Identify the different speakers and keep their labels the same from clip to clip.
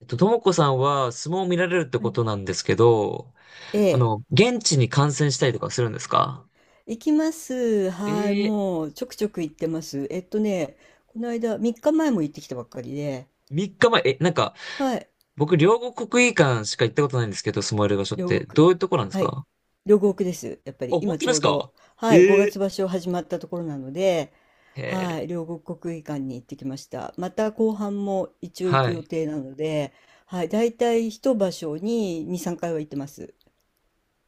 Speaker 1: ともこさんは相撲を見られるって
Speaker 2: は
Speaker 1: こ
Speaker 2: い。
Speaker 1: となんですけど、
Speaker 2: ええ、
Speaker 1: 現地に観戦したりとかするんですか？
Speaker 2: 行きます。
Speaker 1: え
Speaker 2: はい、
Speaker 1: ー、
Speaker 2: もうちょくちょく行ってます。この間、3日前も行ってきたばっかりで、
Speaker 1: 3日前、なんか、
Speaker 2: はい、
Speaker 1: 僕、両国国技館しか行ったことないんですけど、相撲やる場所っ
Speaker 2: 両
Speaker 1: て、
Speaker 2: 国。
Speaker 1: どういうとこなんです
Speaker 2: はい、
Speaker 1: か？
Speaker 2: 両国です。やっぱ
Speaker 1: あ、
Speaker 2: り
Speaker 1: 本
Speaker 2: 今
Speaker 1: 当
Speaker 2: ち
Speaker 1: で
Speaker 2: ょ
Speaker 1: す
Speaker 2: う
Speaker 1: か？
Speaker 2: ど、
Speaker 1: え
Speaker 2: はい、5
Speaker 1: ー、
Speaker 2: 月場所始まったところなので、
Speaker 1: え
Speaker 2: は
Speaker 1: ー、
Speaker 2: い、両国国技館に行ってきました。また後半も一応行
Speaker 1: は
Speaker 2: く予
Speaker 1: い。
Speaker 2: 定なので、はい、大体一場所に2、3回は行ってます。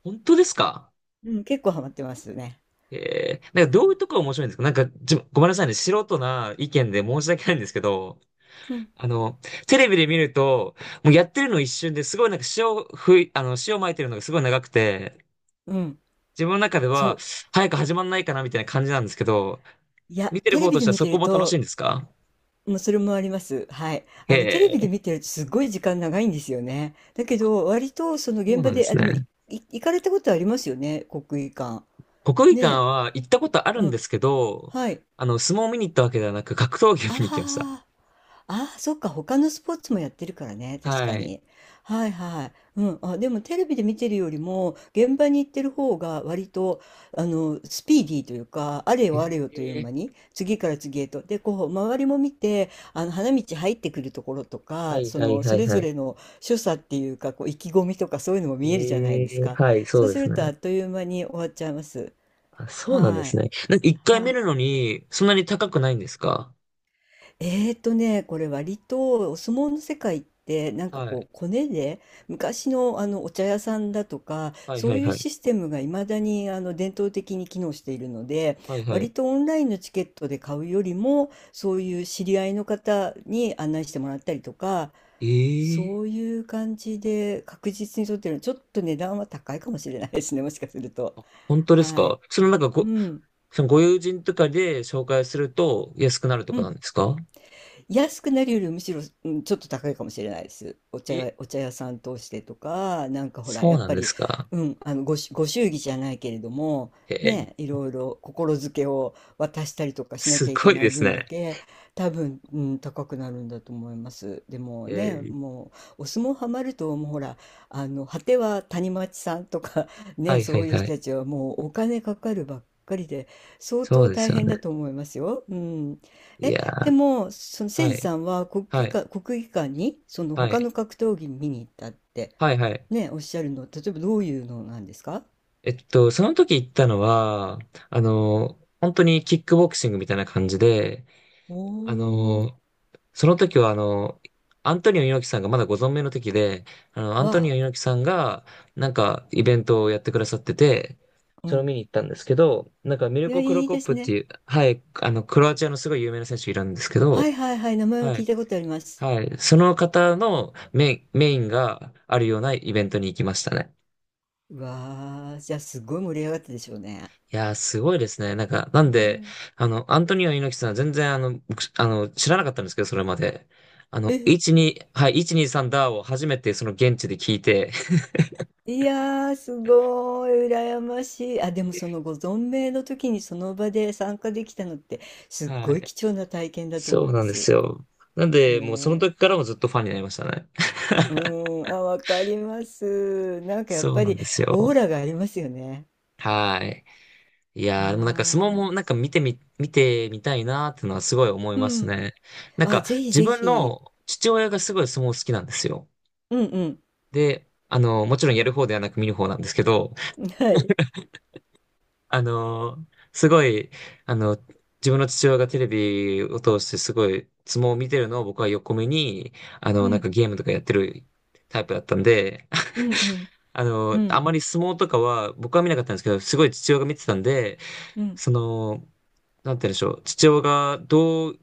Speaker 1: 本当ですか？
Speaker 2: うん、結構ハマってますね。
Speaker 1: なん
Speaker 2: は
Speaker 1: か、どういうとこが面白いんですか？なんか、ごめんなさいね、素人な意見で申し訳ないんですけど、
Speaker 2: い。うん、
Speaker 1: あの、テレビで見ると、もうやってるの一瞬で、すごいなんか塩撒いてるのがすごい長くて、
Speaker 2: うん、
Speaker 1: 自分の中で
Speaker 2: そ
Speaker 1: は、
Speaker 2: う。
Speaker 1: 早く始まんないかなみたいな感じなんですけど、
Speaker 2: いや、
Speaker 1: 見てる
Speaker 2: テレ
Speaker 1: 方
Speaker 2: ビ
Speaker 1: とし
Speaker 2: で
Speaker 1: ては
Speaker 2: 見
Speaker 1: そ
Speaker 2: て
Speaker 1: こ
Speaker 2: る
Speaker 1: も楽しいん
Speaker 2: と、
Speaker 1: ですか？
Speaker 2: もうそれもあります。はい。
Speaker 1: へ
Speaker 2: テレビで
Speaker 1: え、
Speaker 2: 見てるとすごい時間長いんですよね。だけど、割とその
Speaker 1: そう
Speaker 2: 現場
Speaker 1: なんで
Speaker 2: で、あ、
Speaker 1: す
Speaker 2: でも
Speaker 1: ね。
Speaker 2: 行かれたことありますよね、国技館。
Speaker 1: 国技
Speaker 2: ね
Speaker 1: 館は行ったことあ
Speaker 2: え。
Speaker 1: る
Speaker 2: う
Speaker 1: んで
Speaker 2: ん。
Speaker 1: すけど、
Speaker 2: はい。
Speaker 1: 相撲を見に行ったわけではなく、格闘技を見に行きました。
Speaker 2: ああ。ああ、そっか、他のスポーツもやってるからね、確か
Speaker 1: はい。
Speaker 2: に。はいはい。うん。あ、でもテレビで見てるよりも、現場に行ってる方が割と、スピーディーというか、あれよ
Speaker 1: え
Speaker 2: あれよという
Speaker 1: え、
Speaker 2: 間に、次から次へと。で、こう、周りも見て、花道入ってくるところと
Speaker 1: は
Speaker 2: か、
Speaker 1: いはい
Speaker 2: そ
Speaker 1: はい
Speaker 2: れ
Speaker 1: は
Speaker 2: ぞ
Speaker 1: い。
Speaker 2: れの所作っていうか、こう、意気込みとかそういうのも見えるじゃないです
Speaker 1: ええ、
Speaker 2: か。
Speaker 1: はい、そ
Speaker 2: そ
Speaker 1: う
Speaker 2: う
Speaker 1: で
Speaker 2: す
Speaker 1: す
Speaker 2: る
Speaker 1: ね。
Speaker 2: と、あっという間に終わっちゃいます。
Speaker 1: あ、そうなんで
Speaker 2: は
Speaker 1: す
Speaker 2: い。
Speaker 1: ね。なんか一回
Speaker 2: は
Speaker 1: 見
Speaker 2: い。
Speaker 1: るのに、そんなに高くないんですか？
Speaker 2: これ割とお相撲の世界って、なんか
Speaker 1: はい。
Speaker 2: こうコネで、昔のあのお茶屋さんだとか
Speaker 1: はい
Speaker 2: そ
Speaker 1: は
Speaker 2: う
Speaker 1: い
Speaker 2: いう
Speaker 1: はい。
Speaker 2: システムがいまだに伝統的に機能しているので、
Speaker 1: はいはい。
Speaker 2: 割とオンラインのチケットで買うよりも、そういう知り合いの方に案内してもらったりとか、
Speaker 1: ええ、
Speaker 2: そういう感じで確実に取ってるの、ちょっと値段は高いかもしれないですね、もしかすると。
Speaker 1: 本当です
Speaker 2: はい。
Speaker 1: か？そのなんか
Speaker 2: う
Speaker 1: ご、
Speaker 2: ん。
Speaker 1: そのご友人とかで紹介すると安くなると
Speaker 2: う
Speaker 1: かな
Speaker 2: ん。
Speaker 1: んですか？
Speaker 2: 安くなるよりむしろ、うん、ちょっと高いかもしれないです。お茶
Speaker 1: え、
Speaker 2: 屋、お茶屋さん通してとか、なんかほら、
Speaker 1: そ
Speaker 2: や
Speaker 1: う
Speaker 2: っ
Speaker 1: なん
Speaker 2: ぱ
Speaker 1: です
Speaker 2: り、
Speaker 1: か？
Speaker 2: うん、ご祝儀じゃないけれども、
Speaker 1: えー、
Speaker 2: ね、いろいろ心づけを渡したりとかしな
Speaker 1: す
Speaker 2: きゃいけ
Speaker 1: ごい
Speaker 2: な
Speaker 1: で
Speaker 2: い
Speaker 1: す
Speaker 2: 分だ
Speaker 1: ね。
Speaker 2: け、多分、うん、高くなるんだと思います。でも
Speaker 1: え
Speaker 2: ね、
Speaker 1: ー、
Speaker 2: もう、お相撲ハマると、もうほら、果ては谷町さんとか
Speaker 1: は
Speaker 2: ね、
Speaker 1: いは
Speaker 2: そ
Speaker 1: い
Speaker 2: ういう
Speaker 1: は
Speaker 2: 人
Speaker 1: い。
Speaker 2: たちはもうお金かかるばっかりで、相
Speaker 1: そう
Speaker 2: 当
Speaker 1: で
Speaker 2: 大
Speaker 1: すよね。
Speaker 2: 変だと思いますよ。うん。
Speaker 1: い
Speaker 2: え、
Speaker 1: や
Speaker 2: で
Speaker 1: ー、
Speaker 2: も、そのせい
Speaker 1: は
Speaker 2: じ
Speaker 1: い、
Speaker 2: さんは国
Speaker 1: は
Speaker 2: 技
Speaker 1: い、
Speaker 2: 館、国技館に、その
Speaker 1: は
Speaker 2: 他の
Speaker 1: い、
Speaker 2: 格闘技見に行ったって、
Speaker 1: はい、はい。
Speaker 2: ね、おっしゃるの、例えばどういうのなんですか？
Speaker 1: その時行ったのは、本当にキックボクシングみたいな感じで、あ
Speaker 2: おー、
Speaker 1: の、その時は、アントニオ猪木さんがまだご存命の時で、アントニ
Speaker 2: は、
Speaker 1: オ猪木さんが、なんか、イベントをやってくださってて、
Speaker 2: う
Speaker 1: それを
Speaker 2: ん。
Speaker 1: 見に行ったんですけど、なんか、ミル
Speaker 2: いや、
Speaker 1: コ・クロ
Speaker 2: いい
Speaker 1: コッ
Speaker 2: で
Speaker 1: プ
Speaker 2: す
Speaker 1: って
Speaker 2: ね。
Speaker 1: いう、はい、クロアチアのすごい有名な選手いるんですけ
Speaker 2: は
Speaker 1: ど、
Speaker 2: いはいはい、名前は
Speaker 1: は
Speaker 2: 聞
Speaker 1: い、
Speaker 2: いたことあります。
Speaker 1: はい、その方のメインがあるようなイベントに行きましたね。
Speaker 2: うわー、じゃあすごい盛り上がったでしょうね。
Speaker 1: いやー、すごいですね。なんか、
Speaker 2: う
Speaker 1: なんで、
Speaker 2: ん
Speaker 1: アントニオ猪木さんは全然、僕、知らなかったんですけど、それまで。
Speaker 2: え、
Speaker 1: 1、2、はい、1、2、3ダーを初めてその現地で聞いて、
Speaker 2: いやー、すごい、羨ましい。あ、でもそのご存命の時にその場で参加できたのって、すっ
Speaker 1: は
Speaker 2: ごい
Speaker 1: い。
Speaker 2: 貴重な体験だと思
Speaker 1: そ
Speaker 2: い
Speaker 1: う
Speaker 2: ま
Speaker 1: なんで
Speaker 2: す。
Speaker 1: すよ。なんで、もうその
Speaker 2: ね
Speaker 1: 時
Speaker 2: え。
Speaker 1: からもずっとファンになりましたね。
Speaker 2: うーん、あ、わかります。なんかやっ
Speaker 1: そう
Speaker 2: ぱ
Speaker 1: なん
Speaker 2: り
Speaker 1: です
Speaker 2: オー
Speaker 1: よ。
Speaker 2: ラがありますよね。
Speaker 1: はい。い
Speaker 2: は
Speaker 1: やー、でもなんか相撲
Speaker 2: ー
Speaker 1: も
Speaker 2: い。
Speaker 1: なんか見てみたいなーってのはすごい思い
Speaker 2: う
Speaker 1: ます
Speaker 2: ん。
Speaker 1: ね。なん
Speaker 2: あ、
Speaker 1: か、
Speaker 2: ぜひ
Speaker 1: 自
Speaker 2: ぜ
Speaker 1: 分
Speaker 2: ひ。
Speaker 1: の父親がすごい相撲好きなんですよ。
Speaker 2: うん
Speaker 1: で、もちろんやる方ではなく見る方なんですけど、
Speaker 2: うん。はい。
Speaker 1: あのーすごい、あの、自分の父親がテレビを通してすごい相撲を見てるのを僕は横目に、
Speaker 2: う
Speaker 1: なん
Speaker 2: ん。
Speaker 1: かゲームとかやってるタイプだったんで、
Speaker 2: うんうん。う
Speaker 1: あ
Speaker 2: ん。
Speaker 1: まり相撲とかは僕は見なかったんですけど、すごい父親が見てたんで、
Speaker 2: うん。
Speaker 1: その、なんて言うんでしょう、父親がどう、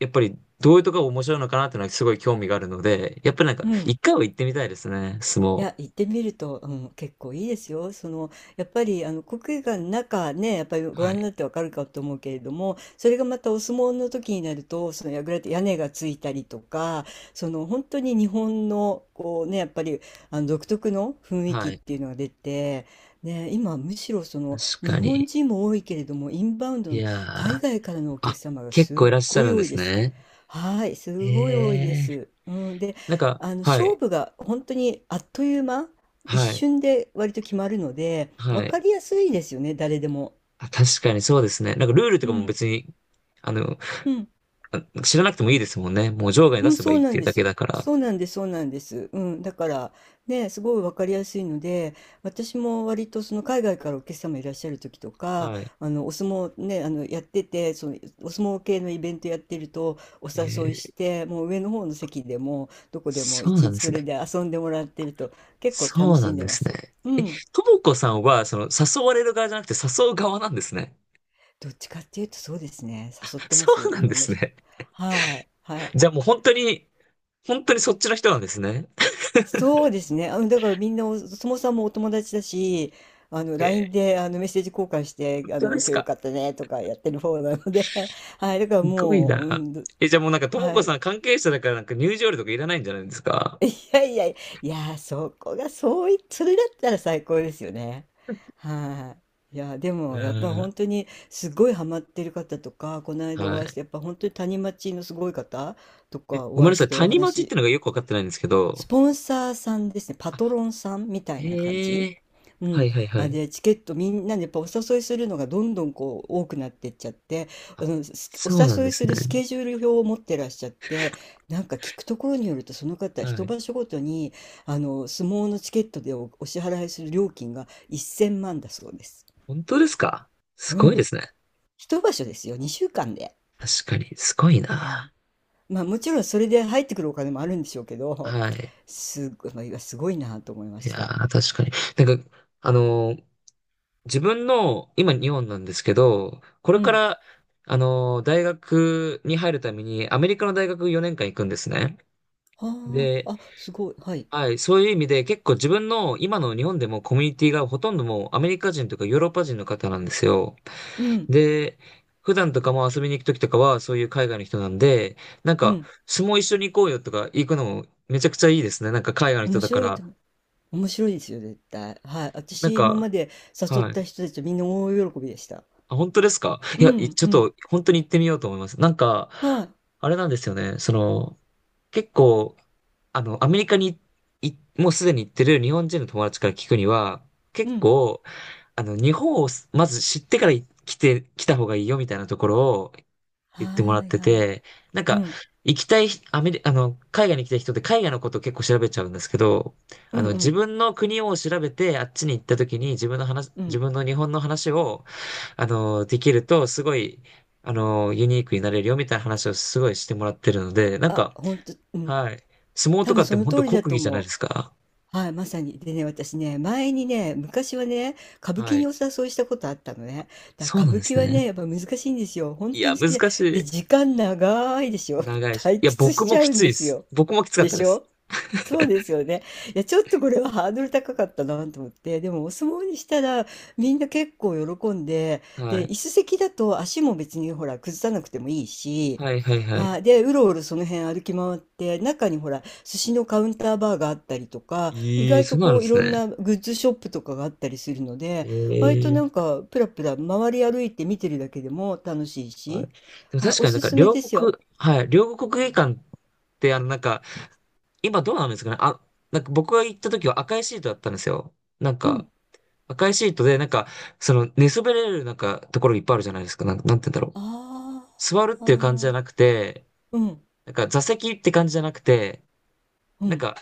Speaker 1: やっぱりどういうとこが面白いのかなっていうのはすごい興味があるので、やっぱりなんか
Speaker 2: うん。
Speaker 1: 一回は行ってみたいですね、相
Speaker 2: い
Speaker 1: 撲。
Speaker 2: や、行ってみると、うん、結構いいですよ。その、やっぱり、国技館の中ね、やっぱりご
Speaker 1: は
Speaker 2: 覧に
Speaker 1: い。
Speaker 2: なってわかるかと思うけれども、それがまたお相撲の時になると、その櫓って屋根がついたりとか、本当に日本の、こうね、やっぱり、独特の雰囲気
Speaker 1: は
Speaker 2: っ
Speaker 1: い。
Speaker 2: ていうのが出て、ね、今、むしろ
Speaker 1: 確
Speaker 2: 日
Speaker 1: か
Speaker 2: 本
Speaker 1: に。
Speaker 2: 人も多いけれども、インバウンド
Speaker 1: い
Speaker 2: の
Speaker 1: や
Speaker 2: 海
Speaker 1: ー。
Speaker 2: 外からのお客
Speaker 1: あ、
Speaker 2: 様が
Speaker 1: 結
Speaker 2: すっ
Speaker 1: 構いらっしゃ
Speaker 2: ごい
Speaker 1: るん
Speaker 2: 多
Speaker 1: で
Speaker 2: い
Speaker 1: す
Speaker 2: です。
Speaker 1: ね。
Speaker 2: はい、
Speaker 1: え
Speaker 2: すごい多いで
Speaker 1: え。
Speaker 2: す。うん、で、
Speaker 1: なんか、
Speaker 2: あの
Speaker 1: は
Speaker 2: 勝
Speaker 1: い、
Speaker 2: 負が本当にあっという間、一
Speaker 1: はい、
Speaker 2: 瞬で割と決まるので、分
Speaker 1: は
Speaker 2: か
Speaker 1: い。
Speaker 2: りやすいですよね、誰でも。
Speaker 1: あ、確かにそうですね。なんかルールと
Speaker 2: う
Speaker 1: かも
Speaker 2: ん。
Speaker 1: 別に、あの、
Speaker 2: うん、
Speaker 1: 知らなくてもいいですもんね。もう場外に
Speaker 2: う
Speaker 1: 出
Speaker 2: ん、
Speaker 1: せば
Speaker 2: そ
Speaker 1: い
Speaker 2: う
Speaker 1: いっ
Speaker 2: な
Speaker 1: て
Speaker 2: ん
Speaker 1: いう
Speaker 2: で
Speaker 1: だけ
Speaker 2: す。
Speaker 1: だから。
Speaker 2: そうなんです、そうなんです。うん、だから、ね、すごい分かりやすいので、私も割とその海外からお客様いらっしゃる時とか、
Speaker 1: はい。
Speaker 2: あのお相撲ね、あのやってて、そのお相撲系のイベントやってるとお
Speaker 1: え
Speaker 2: 誘いし
Speaker 1: え、
Speaker 2: て、もう上の方の席でもどこでも
Speaker 1: そう
Speaker 2: 一
Speaker 1: なん
Speaker 2: 日
Speaker 1: で
Speaker 2: そ
Speaker 1: す
Speaker 2: れ
Speaker 1: ね。
Speaker 2: で遊んでもらってると結構楽
Speaker 1: そう
Speaker 2: し
Speaker 1: な
Speaker 2: ん
Speaker 1: ん
Speaker 2: で
Speaker 1: で
Speaker 2: ま
Speaker 1: す
Speaker 2: す。
Speaker 1: ね。
Speaker 2: うん。
Speaker 1: ともこさんは、その、誘われる側じゃなくて誘う側なんですね。
Speaker 2: どっちかっていうとそうですね、誘っ てま
Speaker 1: そ
Speaker 2: す、
Speaker 1: うな
Speaker 2: い
Speaker 1: ん
Speaker 2: ろ
Speaker 1: で
Speaker 2: んな
Speaker 1: す
Speaker 2: 人。
Speaker 1: ね。
Speaker 2: はい、はい。
Speaker 1: じゃあもう本当に、本当にそっちの人なんですね。
Speaker 2: そうですね。だからみんなそもさんもお友達だし、
Speaker 1: え
Speaker 2: LINE
Speaker 1: え、
Speaker 2: でメッセージ交換し
Speaker 1: 本
Speaker 2: て、
Speaker 1: 当で
Speaker 2: 今
Speaker 1: す
Speaker 2: 日よ
Speaker 1: か？
Speaker 2: かったねとかやってる方なので、はい、だから
Speaker 1: すごい
Speaker 2: もう、う
Speaker 1: な。
Speaker 2: ん、ど
Speaker 1: じゃあもうなんか、とも
Speaker 2: は
Speaker 1: こ
Speaker 2: い、
Speaker 1: さん関係者だからなんか入場料とかいらないんじゃないですか？
Speaker 2: いやいやいや、いや、そこが、そうい、それだったら最高ですよね。はい。いや、で
Speaker 1: う
Speaker 2: も、やっぱ
Speaker 1: ん。
Speaker 2: 本当に、すごいハマってる方とか、この間
Speaker 1: は
Speaker 2: お会いし
Speaker 1: い。
Speaker 2: て、やっぱ本当に谷町のすごい方と
Speaker 1: え、
Speaker 2: か
Speaker 1: ご
Speaker 2: お
Speaker 1: めん
Speaker 2: 会
Speaker 1: な
Speaker 2: い
Speaker 1: さ
Speaker 2: し
Speaker 1: い。
Speaker 2: てお
Speaker 1: 谷町っ
Speaker 2: 話。
Speaker 1: てのがよくわかってないんですけど。
Speaker 2: スポンサーさんですね、パ
Speaker 1: あ、
Speaker 2: トロンさんみたいな感
Speaker 1: へ
Speaker 2: じ。
Speaker 1: え。
Speaker 2: う
Speaker 1: は
Speaker 2: ん。
Speaker 1: いはいは
Speaker 2: あ、
Speaker 1: い。
Speaker 2: で、チケットみんなでやっぱお誘いするのがどんどんこう多くなってっちゃって、
Speaker 1: あ、
Speaker 2: お
Speaker 1: そうなん
Speaker 2: 誘
Speaker 1: で
Speaker 2: い
Speaker 1: す
Speaker 2: す
Speaker 1: ね。
Speaker 2: るスケジュール表を持ってらっしゃって、なんか聞くところによるとその方、
Speaker 1: は
Speaker 2: 一
Speaker 1: い。
Speaker 2: 場所ごとに、相撲のチケットでお支払いする料金が1000万だそうです。
Speaker 1: 本当ですか？す
Speaker 2: う
Speaker 1: ごいで
Speaker 2: ん。
Speaker 1: すね。
Speaker 2: 一場所ですよ、2週間で。
Speaker 1: 確かに。すごい
Speaker 2: う
Speaker 1: な。
Speaker 2: ん。まあもちろんそれで入ってくるお金もあるんでしょうけど、
Speaker 1: はい。
Speaker 2: すごい、まあすごいなと思いま
Speaker 1: い
Speaker 2: し
Speaker 1: や
Speaker 2: た。
Speaker 1: ー、確かに。なんか、あのー自分の、今日本なんですけど、これ
Speaker 2: う
Speaker 1: か
Speaker 2: ん。
Speaker 1: ら、大学に入るためにアメリカの大学4年間行くんですね。
Speaker 2: は
Speaker 1: で、
Speaker 2: あ、あ、すごい。はい。
Speaker 1: はい、そういう意味で結構自分の今の日本でもコミュニティがほとんどもうアメリカ人とかヨーロッパ人の方なんですよ。
Speaker 2: うん、
Speaker 1: で、普段とかも遊びに行くときとかはそういう海外の人なんで、なん
Speaker 2: う
Speaker 1: か
Speaker 2: ん。
Speaker 1: 相撲一緒に行こうよとか行くのもめちゃくちゃいいですね。なんか海外の人
Speaker 2: 面
Speaker 1: だか
Speaker 2: 白いと
Speaker 1: ら。
Speaker 2: 思う。面白いですよ、絶対。はい。
Speaker 1: なん
Speaker 2: 私、今
Speaker 1: か、
Speaker 2: まで誘っ
Speaker 1: はい。
Speaker 2: た人たちみんな大喜びでした。
Speaker 1: あ、本当ですか？い
Speaker 2: う
Speaker 1: や、
Speaker 2: ん、
Speaker 1: ちょっ
Speaker 2: うん。
Speaker 1: と、本当に行ってみようと思います。なんか、
Speaker 2: はい。
Speaker 1: あれなんですよね。その、結構、アメリカにい、もうすでに行ってる日本人の友達から聞くには、
Speaker 2: う
Speaker 1: 結
Speaker 2: ん。
Speaker 1: 構、日本をすまず知ってから来た方がいいよみたいなところを言ってもら
Speaker 2: は
Speaker 1: っ
Speaker 2: い
Speaker 1: て
Speaker 2: はい。
Speaker 1: て、なん
Speaker 2: う
Speaker 1: か、
Speaker 2: ん。
Speaker 1: 行きたい、アメリ、あの、海外に行きたい人って海外のことを結構調べちゃうんですけど、
Speaker 2: うんう
Speaker 1: 自
Speaker 2: ん。
Speaker 1: 分の国を調べて、あっちに行った時に
Speaker 2: う
Speaker 1: 自
Speaker 2: ん。
Speaker 1: 分の日本の話を、できると、すごい、ユニークになれるよみたいな話をすごいしてもらってるので、なん
Speaker 2: あ、
Speaker 1: か、
Speaker 2: ほんと、うん。
Speaker 1: はい。相撲
Speaker 2: 多
Speaker 1: とか
Speaker 2: 分
Speaker 1: って
Speaker 2: そ
Speaker 1: もう
Speaker 2: の
Speaker 1: 本当
Speaker 2: 通りだ
Speaker 1: 国
Speaker 2: と
Speaker 1: 技じゃな
Speaker 2: 思
Speaker 1: い
Speaker 2: う。
Speaker 1: ですか。
Speaker 2: はい、まさに。でね、私ね、前にね、昔はね、歌舞
Speaker 1: は
Speaker 2: 伎に
Speaker 1: い。
Speaker 2: お誘いしたことあったのね。だ
Speaker 1: そ
Speaker 2: か
Speaker 1: う
Speaker 2: ら
Speaker 1: な
Speaker 2: 歌
Speaker 1: ん
Speaker 2: 舞
Speaker 1: で
Speaker 2: 伎
Speaker 1: す
Speaker 2: は
Speaker 1: ね。
Speaker 2: ね、やっぱ難しいんですよ。本
Speaker 1: い
Speaker 2: 当
Speaker 1: や、
Speaker 2: に好
Speaker 1: 難
Speaker 2: きで。で、
Speaker 1: し
Speaker 2: 時間長いでし
Speaker 1: い。
Speaker 2: ょ。
Speaker 1: 長いし。
Speaker 2: 退
Speaker 1: いや、
Speaker 2: 屈
Speaker 1: 僕
Speaker 2: しち
Speaker 1: も
Speaker 2: ゃ
Speaker 1: き
Speaker 2: うん
Speaker 1: つい
Speaker 2: で
Speaker 1: で
Speaker 2: す
Speaker 1: す。
Speaker 2: よ。
Speaker 1: 僕もきつかっ
Speaker 2: で
Speaker 1: たで
Speaker 2: し
Speaker 1: す。
Speaker 2: ょ？そうですよね。いや、ちょっとこれはハードル高かったなと思って、でもお相撲にしたらみんな結構喜んで、
Speaker 1: は
Speaker 2: で、
Speaker 1: い。
Speaker 2: 椅子席だと足も別にほら崩さなくてもいいし、
Speaker 1: はい、はい、はい。
Speaker 2: はい、で、うろうろその辺歩き回って、中にほら寿司のカウンターバーがあったりとか、意
Speaker 1: ええ、
Speaker 2: 外
Speaker 1: そ
Speaker 2: と
Speaker 1: うなん
Speaker 2: こ
Speaker 1: で
Speaker 2: うい
Speaker 1: す
Speaker 2: ろん
Speaker 1: ね。
Speaker 2: なグッズショップとかがあったりするので、割と
Speaker 1: え
Speaker 2: な
Speaker 1: え、
Speaker 2: んかプラプラ回り歩いて見てるだけでも楽しい
Speaker 1: はい。
Speaker 2: し、
Speaker 1: でも
Speaker 2: はい、
Speaker 1: 確
Speaker 2: お
Speaker 1: かになん
Speaker 2: す
Speaker 1: か
Speaker 2: すめですよ。
Speaker 1: 両国国技館ってなんか、今どうなんですかね。あ、なんか僕が行った時は赤いシートだったんですよ。なん
Speaker 2: う
Speaker 1: か、
Speaker 2: ん。
Speaker 1: 赤いシートでなんか、その寝そべれるなんかところいっぱいあるじゃないですか。なんて言うんだろう。
Speaker 2: あ
Speaker 1: 座るっていう感じじゃ
Speaker 2: あ。
Speaker 1: なくて、
Speaker 2: うん。
Speaker 1: なんか座席って感じじゃなくて、
Speaker 2: う
Speaker 1: なん
Speaker 2: ん。
Speaker 1: か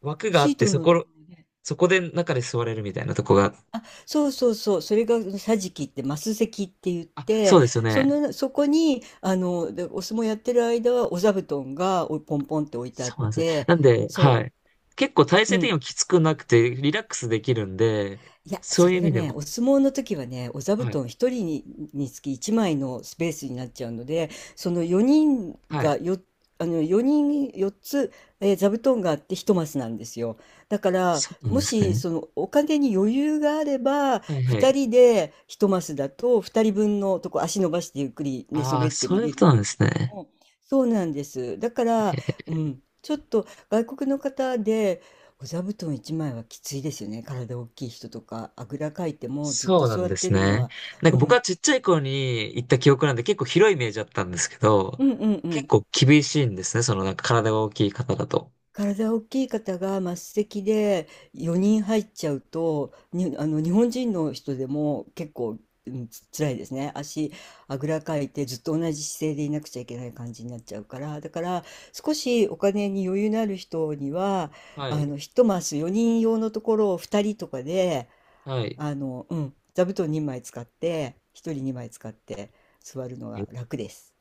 Speaker 1: 枠があ
Speaker 2: シ
Speaker 1: っ
Speaker 2: ー
Speaker 1: て
Speaker 2: トのところね。
Speaker 1: そこで中で座れるみたいなとこが、
Speaker 2: あ、そうそうそう。それが桟敷ってマス席って言っ
Speaker 1: あ、そう
Speaker 2: て、
Speaker 1: ですよね。
Speaker 2: そこに、でお相撲やってる間はお座布団がおポンポンって置いてあっ
Speaker 1: そうなんですね。
Speaker 2: て、
Speaker 1: なんで、は
Speaker 2: そ
Speaker 1: い。結構体
Speaker 2: う。う
Speaker 1: 勢的に
Speaker 2: ん。
Speaker 1: もきつくなくて、リラックスできるんで、
Speaker 2: いや、
Speaker 1: そう
Speaker 2: そ
Speaker 1: いう意
Speaker 2: れが
Speaker 1: 味で
Speaker 2: ね、
Speaker 1: も。
Speaker 2: お相撲の時はね、お座布
Speaker 1: はい。
Speaker 2: 団1人につき1枚のスペースになっちゃうので、その4人
Speaker 1: はい。
Speaker 2: がよ、あの4人4つ、座布団があって1マスなんですよ。だから
Speaker 1: そうなん
Speaker 2: も
Speaker 1: です
Speaker 2: し
Speaker 1: ね。
Speaker 2: そのお金に余裕があれば
Speaker 1: はいは
Speaker 2: 2
Speaker 1: い。
Speaker 2: 人で1マスだと2人分のとこ足伸ばしてゆっくり寝そ
Speaker 1: あ
Speaker 2: べ
Speaker 1: あ、
Speaker 2: って
Speaker 1: そ
Speaker 2: 見
Speaker 1: ういう
Speaker 2: れ
Speaker 1: こ
Speaker 2: るんだ
Speaker 1: となん
Speaker 2: け
Speaker 1: で
Speaker 2: れ
Speaker 1: す
Speaker 2: ど
Speaker 1: ね。
Speaker 2: も、そうなんです。だか
Speaker 1: え
Speaker 2: ら、う
Speaker 1: ー
Speaker 2: ん、ちょっと外国の方でお座布団1枚はきついですよね。体大きい人とか、あぐらかいてもずっと
Speaker 1: そうな
Speaker 2: 座
Speaker 1: ん
Speaker 2: っ
Speaker 1: で
Speaker 2: て
Speaker 1: す
Speaker 2: るの
Speaker 1: ね。
Speaker 2: は、
Speaker 1: なん
Speaker 2: う
Speaker 1: か僕は
Speaker 2: ん、
Speaker 1: ちっちゃい頃に行った記憶なんで結構広いイメージだったんですけど、
Speaker 2: うんうんう
Speaker 1: 結
Speaker 2: ん。
Speaker 1: 構厳しいんですね。そのなんか体が大きい方だと。
Speaker 2: 体大きい方が末席で4人入っちゃうと、に、あの、日本人の人でも結構、うん、辛いですね。足、あぐらかいてずっと同じ姿勢でいなくちゃいけない感じになっちゃうから。だから、少しお金に余裕のある人には、
Speaker 1: はい。
Speaker 2: 一マス4人用のところを2人とかで、
Speaker 1: はい。
Speaker 2: うん、座布団2枚使って、1人2枚使って座るの
Speaker 1: え
Speaker 2: が楽です。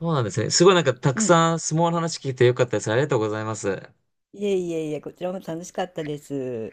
Speaker 1: そうなんですね。すごいなんかた
Speaker 2: う
Speaker 1: く
Speaker 2: ん。
Speaker 1: さん相撲の話聞いてよかったです。ありがとうございます。
Speaker 2: いえいえいえ、こちらも楽しかったです。